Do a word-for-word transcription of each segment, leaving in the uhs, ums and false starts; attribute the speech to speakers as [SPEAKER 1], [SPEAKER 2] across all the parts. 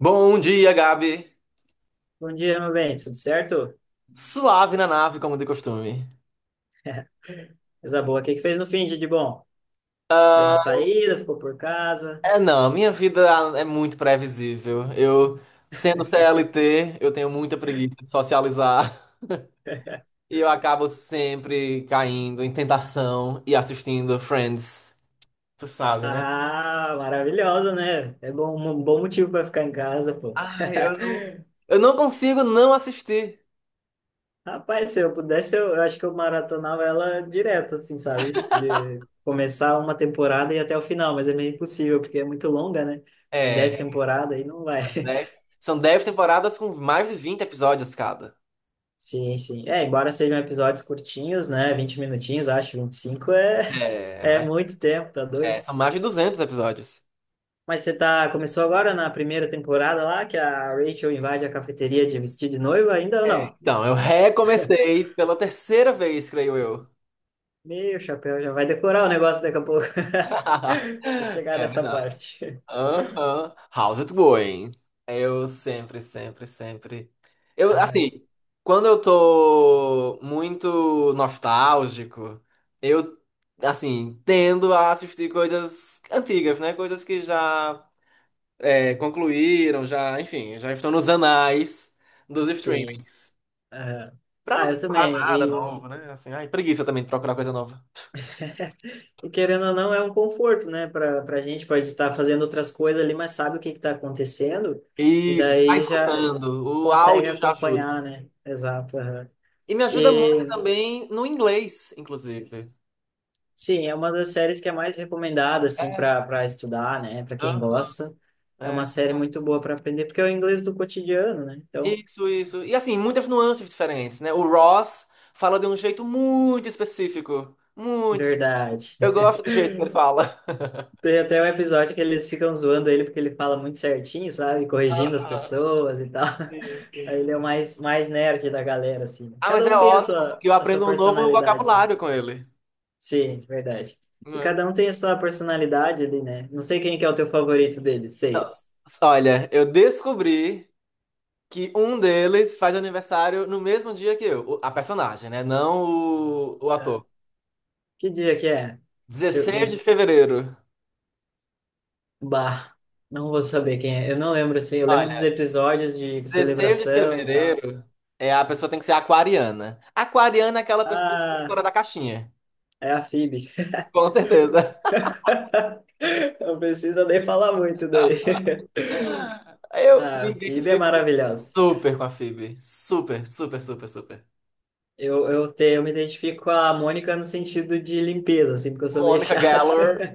[SPEAKER 1] Bom dia, Gabi.
[SPEAKER 2] Bom dia, meu bem, tudo certo?
[SPEAKER 1] Suave na nave, como de costume.
[SPEAKER 2] Coisa boa, o que que fez no fim de de bom? Deu uma
[SPEAKER 1] Ah,
[SPEAKER 2] saída, ficou por casa?
[SPEAKER 1] é, não, minha vida é muito previsível. Eu, sendo C L T, eu tenho muita preguiça de socializar. E eu acabo sempre caindo em tentação e assistindo Friends. Tu sabe, né?
[SPEAKER 2] Ah, maravilhosa, né? É bom, um bom motivo para ficar em casa, pô.
[SPEAKER 1] Ai, eu não. Eu não consigo não assistir.
[SPEAKER 2] Rapaz, se eu pudesse, eu, eu acho que eu maratonava ela direto, assim, sabe? De começar uma temporada e ir até o final, mas é meio impossível, porque é muito longa, né? Em dez
[SPEAKER 1] É,
[SPEAKER 2] temporadas aí não vai.
[SPEAKER 1] são dez, são dez temporadas com mais de vinte episódios cada.
[SPEAKER 2] Sim, sim. É, embora sejam episódios curtinhos, né? Vinte minutinhos, acho, vinte e cinco é,
[SPEAKER 1] É,
[SPEAKER 2] é
[SPEAKER 1] mas-
[SPEAKER 2] muito tempo, tá
[SPEAKER 1] é,
[SPEAKER 2] doido?
[SPEAKER 1] são mais de duzentos episódios.
[SPEAKER 2] Mas você tá, começou agora na primeira temporada lá, que a Rachel invade a cafeteria de vestir de noiva, ainda ou
[SPEAKER 1] É,
[SPEAKER 2] não?
[SPEAKER 1] então, eu recomecei pela terceira vez, creio eu.
[SPEAKER 2] Meu chapéu, já vai decorar o negócio daqui a pouco. Vai chegar
[SPEAKER 1] É
[SPEAKER 2] nessa
[SPEAKER 1] verdade.
[SPEAKER 2] parte.
[SPEAKER 1] Aham. How's it going? Eu sempre, sempre, sempre. Eu,
[SPEAKER 2] Ah,
[SPEAKER 1] assim, quando eu tô muito nostálgico, eu, assim, tendo a assistir coisas antigas, né? Coisas que já é, concluíram, já, enfim, já estão nos anais dos
[SPEAKER 2] sim.
[SPEAKER 1] streamings.
[SPEAKER 2] Aham.
[SPEAKER 1] Pra não
[SPEAKER 2] Ah, eu
[SPEAKER 1] procurar
[SPEAKER 2] também.
[SPEAKER 1] nada
[SPEAKER 2] E,
[SPEAKER 1] novo, né? Assim, ai, preguiça também de procurar coisa nova.
[SPEAKER 2] e querendo ou não, é um conforto, né, para para gente, pode estar fazendo outras coisas ali, mas sabe o que está acontecendo, e
[SPEAKER 1] Isso, está
[SPEAKER 2] daí já
[SPEAKER 1] escutando. O
[SPEAKER 2] consegue
[SPEAKER 1] áudio já ajuda.
[SPEAKER 2] acompanhar, né? Exato. Aham.
[SPEAKER 1] E me ajuda muito
[SPEAKER 2] E
[SPEAKER 1] também no inglês, inclusive.
[SPEAKER 2] sim, é uma das séries que é mais recomendada assim para para estudar, né? Para quem
[SPEAKER 1] Aham,
[SPEAKER 2] gosta, é uma
[SPEAKER 1] é.
[SPEAKER 2] série muito boa para aprender porque é o inglês do cotidiano, né? Então,
[SPEAKER 1] Isso, isso. E assim, muitas nuances diferentes, né? O Ross fala de um jeito muito específico. Muito específico.
[SPEAKER 2] verdade.
[SPEAKER 1] Eu gosto do jeito que ele fala.
[SPEAKER 2] Tem até um episódio que eles ficam zoando ele porque ele fala muito certinho, sabe? Corrigindo as
[SPEAKER 1] Aham,
[SPEAKER 2] pessoas e tal.
[SPEAKER 1] isso,
[SPEAKER 2] Aí
[SPEAKER 1] isso.
[SPEAKER 2] ele é o mais mais nerd da galera assim. Né.
[SPEAKER 1] Ah, mas
[SPEAKER 2] Cada
[SPEAKER 1] é
[SPEAKER 2] um tem a
[SPEAKER 1] ótimo,
[SPEAKER 2] sua
[SPEAKER 1] porque eu
[SPEAKER 2] a sua
[SPEAKER 1] aprendo um novo
[SPEAKER 2] personalidade, né?
[SPEAKER 1] vocabulário com ele.
[SPEAKER 2] Sim, verdade. E
[SPEAKER 1] Não é?
[SPEAKER 2] cada um tem a sua personalidade ali, né? Não sei quem que é o teu favorito deles,
[SPEAKER 1] Então,
[SPEAKER 2] seis.
[SPEAKER 1] olha, eu descobri que um deles faz aniversário no mesmo dia que eu. O- A personagem, né? Não o, o
[SPEAKER 2] Tá.
[SPEAKER 1] ator.
[SPEAKER 2] Que dia que é? Deixa eu- me
[SPEAKER 1] Dezesseis de fevereiro.
[SPEAKER 2] Bah, não vou saber quem é. Eu não lembro assim. Eu lembro dos
[SPEAKER 1] Olha,
[SPEAKER 2] episódios de
[SPEAKER 1] dezesseis de
[SPEAKER 2] celebração e tal.
[SPEAKER 1] fevereiro é a pessoa tem que ser aquariana. Aquariana é aquela pessoa que é
[SPEAKER 2] Ah,
[SPEAKER 1] fora da caixinha.
[SPEAKER 2] é a Phoebe.
[SPEAKER 1] Com certeza.
[SPEAKER 2] Não precisa nem falar muito daí.
[SPEAKER 1] Eu
[SPEAKER 2] Ah,
[SPEAKER 1] me
[SPEAKER 2] a Phoebe é
[SPEAKER 1] identifico
[SPEAKER 2] maravilhosa.
[SPEAKER 1] super com a Phoebe. Super, super, super, super.
[SPEAKER 2] Eu, eu, te, eu me identifico com a Mônica no sentido de limpeza, assim, porque eu sou meio
[SPEAKER 1] Mônica
[SPEAKER 2] chato.
[SPEAKER 1] Geller,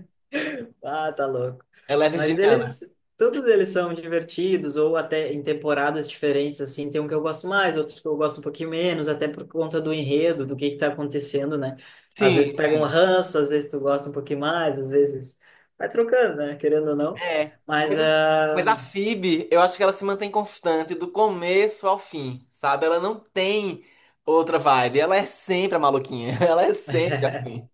[SPEAKER 2] Ah, tá louco.
[SPEAKER 1] ela é
[SPEAKER 2] Mas
[SPEAKER 1] virginiana.
[SPEAKER 2] eles, todos eles são divertidos, ou até em temporadas diferentes, assim, tem um que eu gosto mais, outro que eu gosto um pouquinho menos, até por conta do enredo, do que que tá acontecendo, né? Às
[SPEAKER 1] Sim,
[SPEAKER 2] vezes tu pega um ranço, às vezes tu gosta um pouquinho mais, às vezes vai trocando, né? Querendo ou não.
[SPEAKER 1] é.
[SPEAKER 2] Mas
[SPEAKER 1] Mas, eu-
[SPEAKER 2] ah,
[SPEAKER 1] mas a Phoebe, eu acho que ela se mantém constante do começo ao fim, sabe? Ela não tem outra vibe. Ela é sempre a maluquinha. Ela é sempre assim.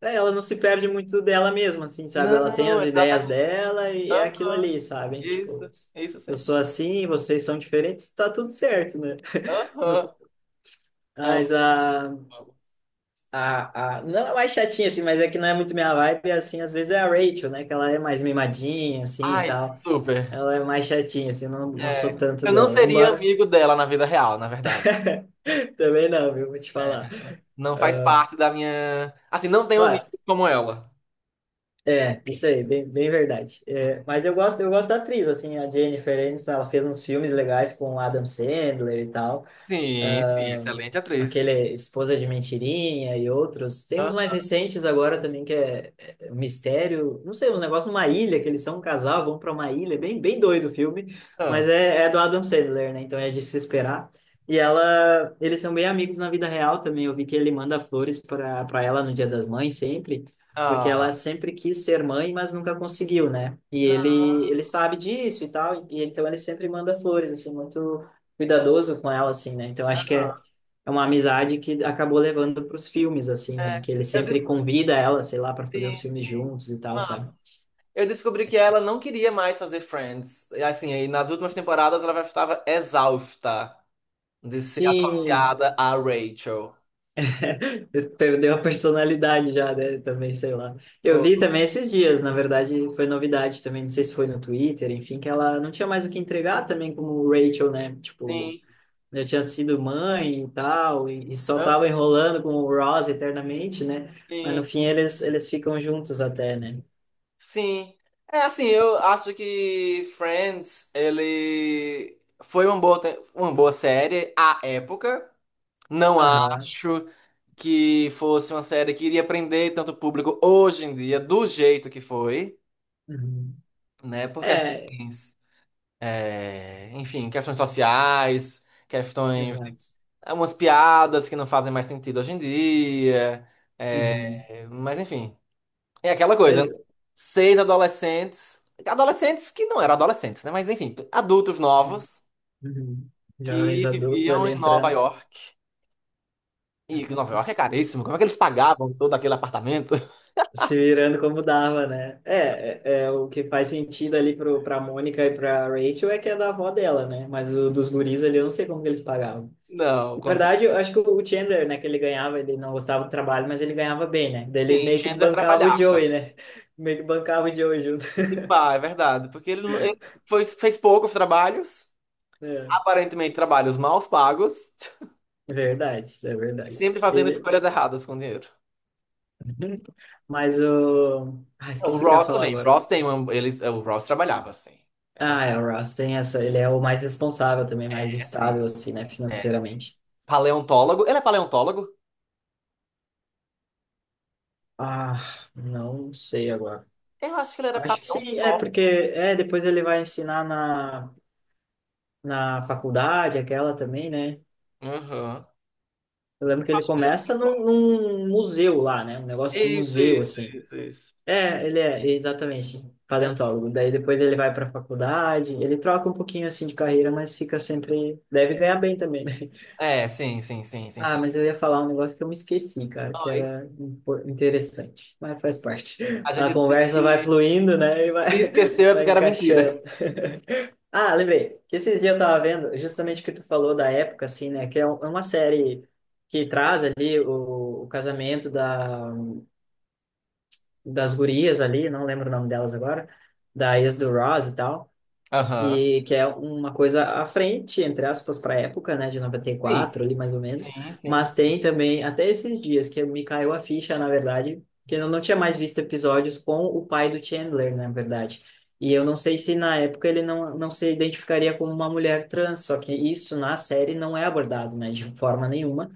[SPEAKER 2] é, ela não se perde muito dela mesma, assim, sabe? Ela tem
[SPEAKER 1] Não,
[SPEAKER 2] as ideias
[SPEAKER 1] exatamente.
[SPEAKER 2] dela e é aquilo ali, sabe? Tipo,
[SPEAKER 1] Isso, isso
[SPEAKER 2] eu
[SPEAKER 1] sim.
[SPEAKER 2] sou assim, vocês são diferentes, tá tudo certo, né? No-
[SPEAKER 1] Aham.
[SPEAKER 2] Mas a
[SPEAKER 1] Amo.
[SPEAKER 2] A, a, não é mais chatinha, assim, mas é que não é muito minha vibe, assim, às vezes é a Rachel, né, que ela é mais mimadinha, assim, e
[SPEAKER 1] Ai,
[SPEAKER 2] tal,
[SPEAKER 1] super.
[SPEAKER 2] ela é mais chatinha, assim, não, não sou
[SPEAKER 1] É.
[SPEAKER 2] tanto
[SPEAKER 1] Eu não
[SPEAKER 2] dela,
[SPEAKER 1] seria
[SPEAKER 2] embora
[SPEAKER 1] amigo dela na vida real, na verdade.
[SPEAKER 2] também não, viu, vou te falar.
[SPEAKER 1] Não faz parte da minha. Assim, não tenho amigo
[SPEAKER 2] Claro,
[SPEAKER 1] como ela.
[SPEAKER 2] é, isso aí, bem, bem verdade. É,
[SPEAKER 1] Uhum.
[SPEAKER 2] mas eu gosto, eu gosto da atriz, assim, a Jennifer Aniston, ela fez uns filmes legais com o Adam Sandler e tal,
[SPEAKER 1] Sim, sim, excelente atriz.
[SPEAKER 2] aquele Esposa de Mentirinha e outros. Tem uns mais recentes agora também que é, é é um Mistério, não sei, uns negócios numa ilha, que eles são um casal, vão para uma ilha, é bem, bem doido o filme, mas
[SPEAKER 1] Aham.
[SPEAKER 2] é, é do Adam Sandler, né? Então é de se esperar. E ela, eles são bem amigos na vida real também. Eu vi que ele manda flores para para ela no Dia das Mães sempre, porque
[SPEAKER 1] Ah.
[SPEAKER 2] ela sempre quis ser mãe, mas nunca conseguiu, né? E ele ele sabe disso e tal, e, e então ele sempre manda flores assim muito cuidadoso com ela assim, né? Então acho que
[SPEAKER 1] Aham.
[SPEAKER 2] é é uma amizade que acabou levando para os filmes, assim, né?
[SPEAKER 1] É.
[SPEAKER 2] Que ele
[SPEAKER 1] Eu
[SPEAKER 2] sempre convida ela, sei lá, para fazer
[SPEAKER 1] descobri.
[SPEAKER 2] os filmes juntos e tal,
[SPEAKER 1] Mano,
[SPEAKER 2] sabe?
[SPEAKER 1] eu descobri que ela não queria mais fazer Friends. E, assim, aí nas últimas temporadas ela já estava exausta de ser
[SPEAKER 2] Sim,
[SPEAKER 1] associada a Rachel.
[SPEAKER 2] perdeu a personalidade já, né? Também, sei lá. Eu
[SPEAKER 1] Foi.
[SPEAKER 2] vi também esses dias, na verdade, foi novidade também, não sei se foi no Twitter, enfim, que ela não tinha mais o que entregar também como Rachel, né? Tipo,
[SPEAKER 1] Sim.
[SPEAKER 2] já tinha sido mãe e tal, e, e só tava enrolando com o Ross eternamente, né? Mas no
[SPEAKER 1] Sim,
[SPEAKER 2] fim eles, eles ficam juntos até, né?
[SPEAKER 1] sim. É assim, eu acho que Friends, ele foi uma boa, te- uma boa série à época. Não
[SPEAKER 2] Aham.
[SPEAKER 1] acho que fosse uma série que iria prender tanto público hoje em dia, do jeito que foi,
[SPEAKER 2] Uhum.
[SPEAKER 1] né? Por
[SPEAKER 2] É,
[SPEAKER 1] questões, é, enfim, questões sociais, questões,
[SPEAKER 2] exato.
[SPEAKER 1] umas piadas que não fazem mais sentido hoje em dia.
[SPEAKER 2] Uhum.
[SPEAKER 1] É, mas enfim. É aquela coisa, né?
[SPEAKER 2] É,
[SPEAKER 1] Seis adolescentes, adolescentes que não eram adolescentes, né? Mas enfim, adultos novos
[SPEAKER 2] uhum. Jovens
[SPEAKER 1] que
[SPEAKER 2] adultos
[SPEAKER 1] viviam
[SPEAKER 2] ali
[SPEAKER 1] em Nova
[SPEAKER 2] entrando,
[SPEAKER 1] York. E
[SPEAKER 2] né?
[SPEAKER 1] Nova York é
[SPEAKER 2] s-
[SPEAKER 1] caríssimo. Como é que eles pagavam
[SPEAKER 2] s-
[SPEAKER 1] todo aquele apartamento?
[SPEAKER 2] Se virando como dava, né? É, é, é o que faz sentido ali pro, pra Mônica e pra Rachel é que é da avó dela, né? Mas o dos guris ali eu não sei como que eles pagavam.
[SPEAKER 1] Não,
[SPEAKER 2] Na
[SPEAKER 1] com certeza.
[SPEAKER 2] verdade, eu acho que o Chandler, né, que ele ganhava, ele não gostava do trabalho, mas ele ganhava bem, né? Daí ele
[SPEAKER 1] Sim,
[SPEAKER 2] meio que
[SPEAKER 1] Chandler
[SPEAKER 2] bancava o
[SPEAKER 1] trabalhava.
[SPEAKER 2] Joey, né? Meio que bancava o Joey junto.
[SPEAKER 1] E pá, é verdade, porque ele, não- ele foi- fez poucos trabalhos,
[SPEAKER 2] É,
[SPEAKER 1] aparentemente trabalhos mal pagos,
[SPEAKER 2] é verdade, é
[SPEAKER 1] e
[SPEAKER 2] verdade.
[SPEAKER 1] sempre fazendo
[SPEAKER 2] Ele,
[SPEAKER 1] escolhas erradas com dinheiro.
[SPEAKER 2] mas o. Ah,
[SPEAKER 1] Não, o
[SPEAKER 2] esqueci o que eu ia
[SPEAKER 1] Ross
[SPEAKER 2] falar
[SPEAKER 1] também. O
[SPEAKER 2] agora.
[SPEAKER 1] Ross tem uma, ele, o Ross trabalhava assim. É, ver-
[SPEAKER 2] Ah, é, o Ross tem essa. Ele é o mais responsável também, mais
[SPEAKER 1] é assim.
[SPEAKER 2] estável, assim, né, financeiramente.
[SPEAKER 1] Paleontólogo? Ele é paleontólogo?
[SPEAKER 2] Ah, não sei agora.
[SPEAKER 1] Eu acho que ele era
[SPEAKER 2] Acho que sim, é,
[SPEAKER 1] paleontólogo.
[SPEAKER 2] porque é, depois ele vai ensinar na, na faculdade, aquela também, né?
[SPEAKER 1] Aham.
[SPEAKER 2] Eu lembro que
[SPEAKER 1] Eu
[SPEAKER 2] ele
[SPEAKER 1] acho que ele é
[SPEAKER 2] começa
[SPEAKER 1] paleontólogo.
[SPEAKER 2] num, num museu lá, né? Um negócio de
[SPEAKER 1] Isso,
[SPEAKER 2] museu,
[SPEAKER 1] isso,
[SPEAKER 2] assim.
[SPEAKER 1] isso, isso.
[SPEAKER 2] É, ele é, exatamente,
[SPEAKER 1] É.
[SPEAKER 2] paleontólogo. Daí depois ele vai para a faculdade, ele troca um pouquinho, assim, de carreira, mas fica sempre. Deve ganhar bem também, né?
[SPEAKER 1] É, sim, sim, sim, sim, sim.
[SPEAKER 2] Ah, mas eu ia falar um negócio que eu me esqueci, cara, que
[SPEAKER 1] Oi.
[SPEAKER 2] era impo- interessante, mas faz parte.
[SPEAKER 1] A
[SPEAKER 2] A
[SPEAKER 1] gente disse
[SPEAKER 2] conversa vai
[SPEAKER 1] que
[SPEAKER 2] fluindo, né? E vai,
[SPEAKER 1] se esqueceu é
[SPEAKER 2] vai
[SPEAKER 1] porque era mentira.
[SPEAKER 2] encaixando. Ah, lembrei que esses dias eu tava vendo justamente o que tu falou da época, assim, né? Que é um- é uma série que traz ali o, o casamento da, das gurias ali, não lembro o nome delas agora, da ex do Ross e tal.
[SPEAKER 1] Aham.
[SPEAKER 2] E que é uma coisa à frente, entre aspas, para a época, né, de
[SPEAKER 1] Sim,
[SPEAKER 2] noventa e quatro ali mais ou menos,
[SPEAKER 1] sim, sim, sim.
[SPEAKER 2] mas tem também até esses dias que me caiu a ficha, na verdade, que eu não tinha mais visto episódios com o pai do Chandler, na verdade. E eu não sei se na época ele não, não se identificaria como uma mulher trans, só que isso na série não é abordado, né, de forma nenhuma.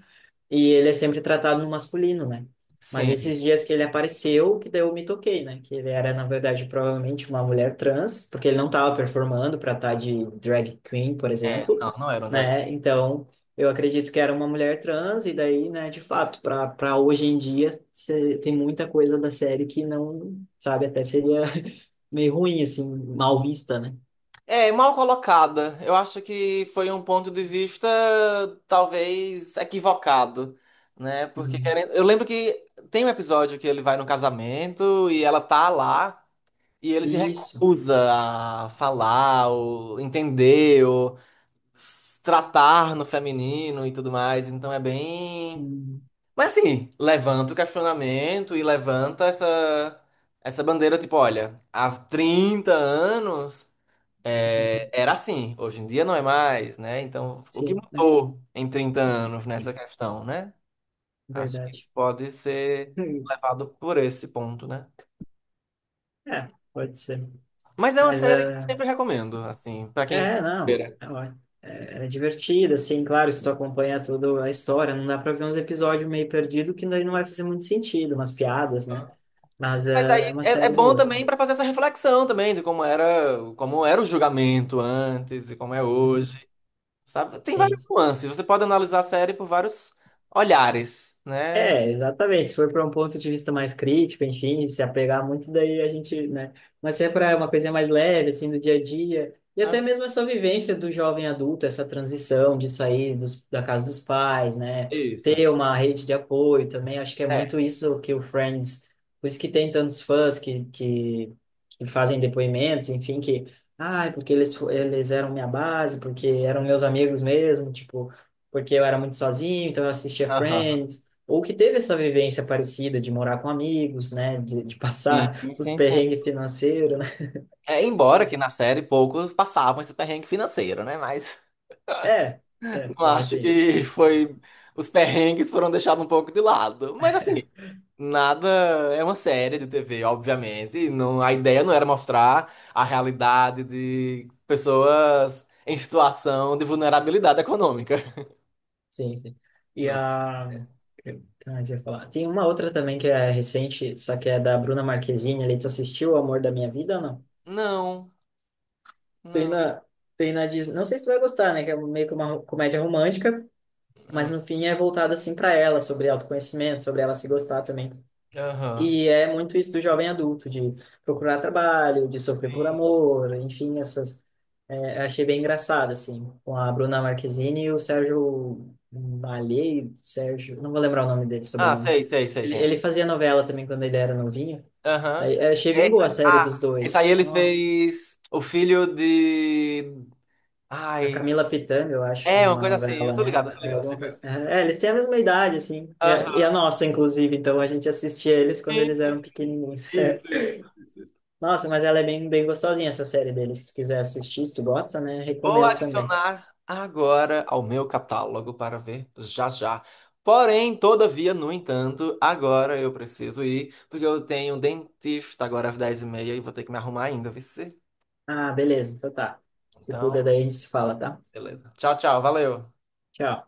[SPEAKER 2] E ele é sempre tratado no masculino, né? Mas
[SPEAKER 1] Sim.
[SPEAKER 2] esses dias que ele apareceu, que daí eu me toquei, né? Que ele era, na verdade, provavelmente uma mulher trans, porque ele não estava performando para estar de drag queen, por
[SPEAKER 1] É,
[SPEAKER 2] exemplo,
[SPEAKER 1] não, não era um drag.
[SPEAKER 2] né? Então, eu acredito que era uma mulher trans, e daí, né, de fato, para para hoje em dia, cê- tem muita coisa da série que não, sabe, até seria meio ruim, assim, mal vista, né?
[SPEAKER 1] É, mal colocada. Eu acho que foi um ponto de vista talvez equivocado, né? Porque
[SPEAKER 2] Uhum.
[SPEAKER 1] querendo... eu lembro que tem um episódio que ele vai no casamento e ela tá lá. E ele se
[SPEAKER 2] Isso.
[SPEAKER 1] recusa a falar, ou entender, ou s- tratar no feminino e tudo mais. Então é bem.
[SPEAKER 2] Uhum.
[SPEAKER 1] Mas assim, levanta o questionamento e levanta essa, essa bandeira, tipo, olha, há trinta anos é, era assim, hoje em dia não é mais, né? Então, o que
[SPEAKER 2] Sim, né?
[SPEAKER 1] mudou em trinta anos nessa questão, né? Acho que
[SPEAKER 2] Verdade.
[SPEAKER 1] pode ser levado por esse ponto, né?
[SPEAKER 2] É, pode ser.
[SPEAKER 1] Mas é uma
[SPEAKER 2] Mas
[SPEAKER 1] série que eu
[SPEAKER 2] é.
[SPEAKER 1] sempre recomendo, assim, pra quem.
[SPEAKER 2] É, não. É, ó- é é divertido, assim, claro, se tu acompanhar toda a história, não dá pra ver uns episódios meio perdido que daí não vai fazer muito sentido, umas piadas, né? Mas
[SPEAKER 1] Mas
[SPEAKER 2] é, é
[SPEAKER 1] aí
[SPEAKER 2] uma
[SPEAKER 1] é, é
[SPEAKER 2] série
[SPEAKER 1] bom
[SPEAKER 2] boa,
[SPEAKER 1] também
[SPEAKER 2] assim.
[SPEAKER 1] para fazer essa reflexão também de como era, como era o julgamento antes e como é
[SPEAKER 2] Uhum.
[SPEAKER 1] hoje, sabe? Tem
[SPEAKER 2] Sim.
[SPEAKER 1] várias nuances. Você pode analisar a série por vários olhares, né?
[SPEAKER 2] É, exatamente. Se for para um ponto de vista mais crítico, enfim, se apegar muito, daí a gente, né? Mas se é para uma coisa mais leve, assim, do dia a dia, e
[SPEAKER 1] Ah,
[SPEAKER 2] até mesmo essa vivência do jovem adulto, essa transição de sair dos, da casa dos pais, né?
[SPEAKER 1] isso.
[SPEAKER 2] Ter uma rede de apoio também, acho que é muito
[SPEAKER 1] É.
[SPEAKER 2] isso que o Friends, por isso que tem tantos fãs que, que, que fazem depoimentos, enfim, que, ah, porque eles, fo- eles eram minha base, porque eram meus amigos mesmo, tipo, porque eu era muito sozinho, então eu assistia
[SPEAKER 1] Aham.
[SPEAKER 2] Friends ou que teve essa vivência parecida de morar com amigos, né, de, de
[SPEAKER 1] Sim,
[SPEAKER 2] passar
[SPEAKER 1] sim,
[SPEAKER 2] os
[SPEAKER 1] sim, sim.
[SPEAKER 2] perrengues financeiros, né?
[SPEAKER 1] É, embora que na série poucos passavam esse perrengue financeiro, né? Mas
[SPEAKER 2] É, é,
[SPEAKER 1] eu
[SPEAKER 2] também
[SPEAKER 1] acho
[SPEAKER 2] tem isso.
[SPEAKER 1] que foi os perrengues foram deixados um pouco de lado. Mas assim, nada, é uma série de T V, obviamente. E não, a ideia não era mostrar a realidade de pessoas em situação de vulnerabilidade econômica.
[SPEAKER 2] Sim, sim. E
[SPEAKER 1] Não é?
[SPEAKER 2] a... Não, eu ia falar. Tem uma outra também que é recente, só que é da Bruna Marquezine ali. Tu assistiu O Amor da Minha Vida ou não?
[SPEAKER 1] Não,
[SPEAKER 2] Tem
[SPEAKER 1] não.
[SPEAKER 2] na, tem na Disney. Não sei se tu vai gostar, né? Que é meio que uma ro- comédia romântica, mas
[SPEAKER 1] Hum,
[SPEAKER 2] no fim é voltada assim para ela, sobre autoconhecimento, sobre ela se gostar também.
[SPEAKER 1] aham.
[SPEAKER 2] E é muito isso do jovem adulto, de procurar trabalho, de sofrer por amor, enfim, essas. É, eu achei bem engraçado, assim, com a Bruna Marquezine e o Sérgio Malheiros, Sérgio, não vou lembrar o nome dele,
[SPEAKER 1] Ah,
[SPEAKER 2] sobrenome.
[SPEAKER 1] sei, sei, sei
[SPEAKER 2] Ele,
[SPEAKER 1] quem é.
[SPEAKER 2] ele fazia novela também quando ele era novinho.
[SPEAKER 1] Aham.
[SPEAKER 2] Aí, eu achei bem
[SPEAKER 1] Esse,
[SPEAKER 2] boa a série dos
[SPEAKER 1] ah, esse aí
[SPEAKER 2] dois.
[SPEAKER 1] ele
[SPEAKER 2] Nossa,
[SPEAKER 1] fez o filho de.
[SPEAKER 2] da
[SPEAKER 1] Ai.
[SPEAKER 2] Camila Pitanga, eu acho,
[SPEAKER 1] É, uma
[SPEAKER 2] numa
[SPEAKER 1] coisa assim. Eu
[SPEAKER 2] novela,
[SPEAKER 1] tô ligado, eu
[SPEAKER 2] né?
[SPEAKER 1] tô
[SPEAKER 2] É,
[SPEAKER 1] ligado, eu tô
[SPEAKER 2] alguma
[SPEAKER 1] ligado.
[SPEAKER 2] coisa- é, é, eles têm a mesma idade, assim, e a, e
[SPEAKER 1] Aham.
[SPEAKER 2] a nossa, inclusive, então a gente assistia eles quando eles eram pequenininhos.
[SPEAKER 1] Isso, isso, isso.
[SPEAKER 2] Nossa, mas ela é bem, bem gostosinha essa série dele. Se tu quiser assistir, se tu gosta, né?
[SPEAKER 1] Vou
[SPEAKER 2] Recomendo também.
[SPEAKER 1] adicionar agora ao meu catálogo para ver já já. Porém, todavia, no entanto, agora eu preciso ir, porque eu tenho um dentista agora às dez e meia e meia e vou ter que me arrumar ainda, viu? Cê?
[SPEAKER 2] Ah, beleza, então tá. Se cuida
[SPEAKER 1] Então,
[SPEAKER 2] daí, a gente se fala, tá?
[SPEAKER 1] beleza. Tchau, tchau, valeu.
[SPEAKER 2] Tchau.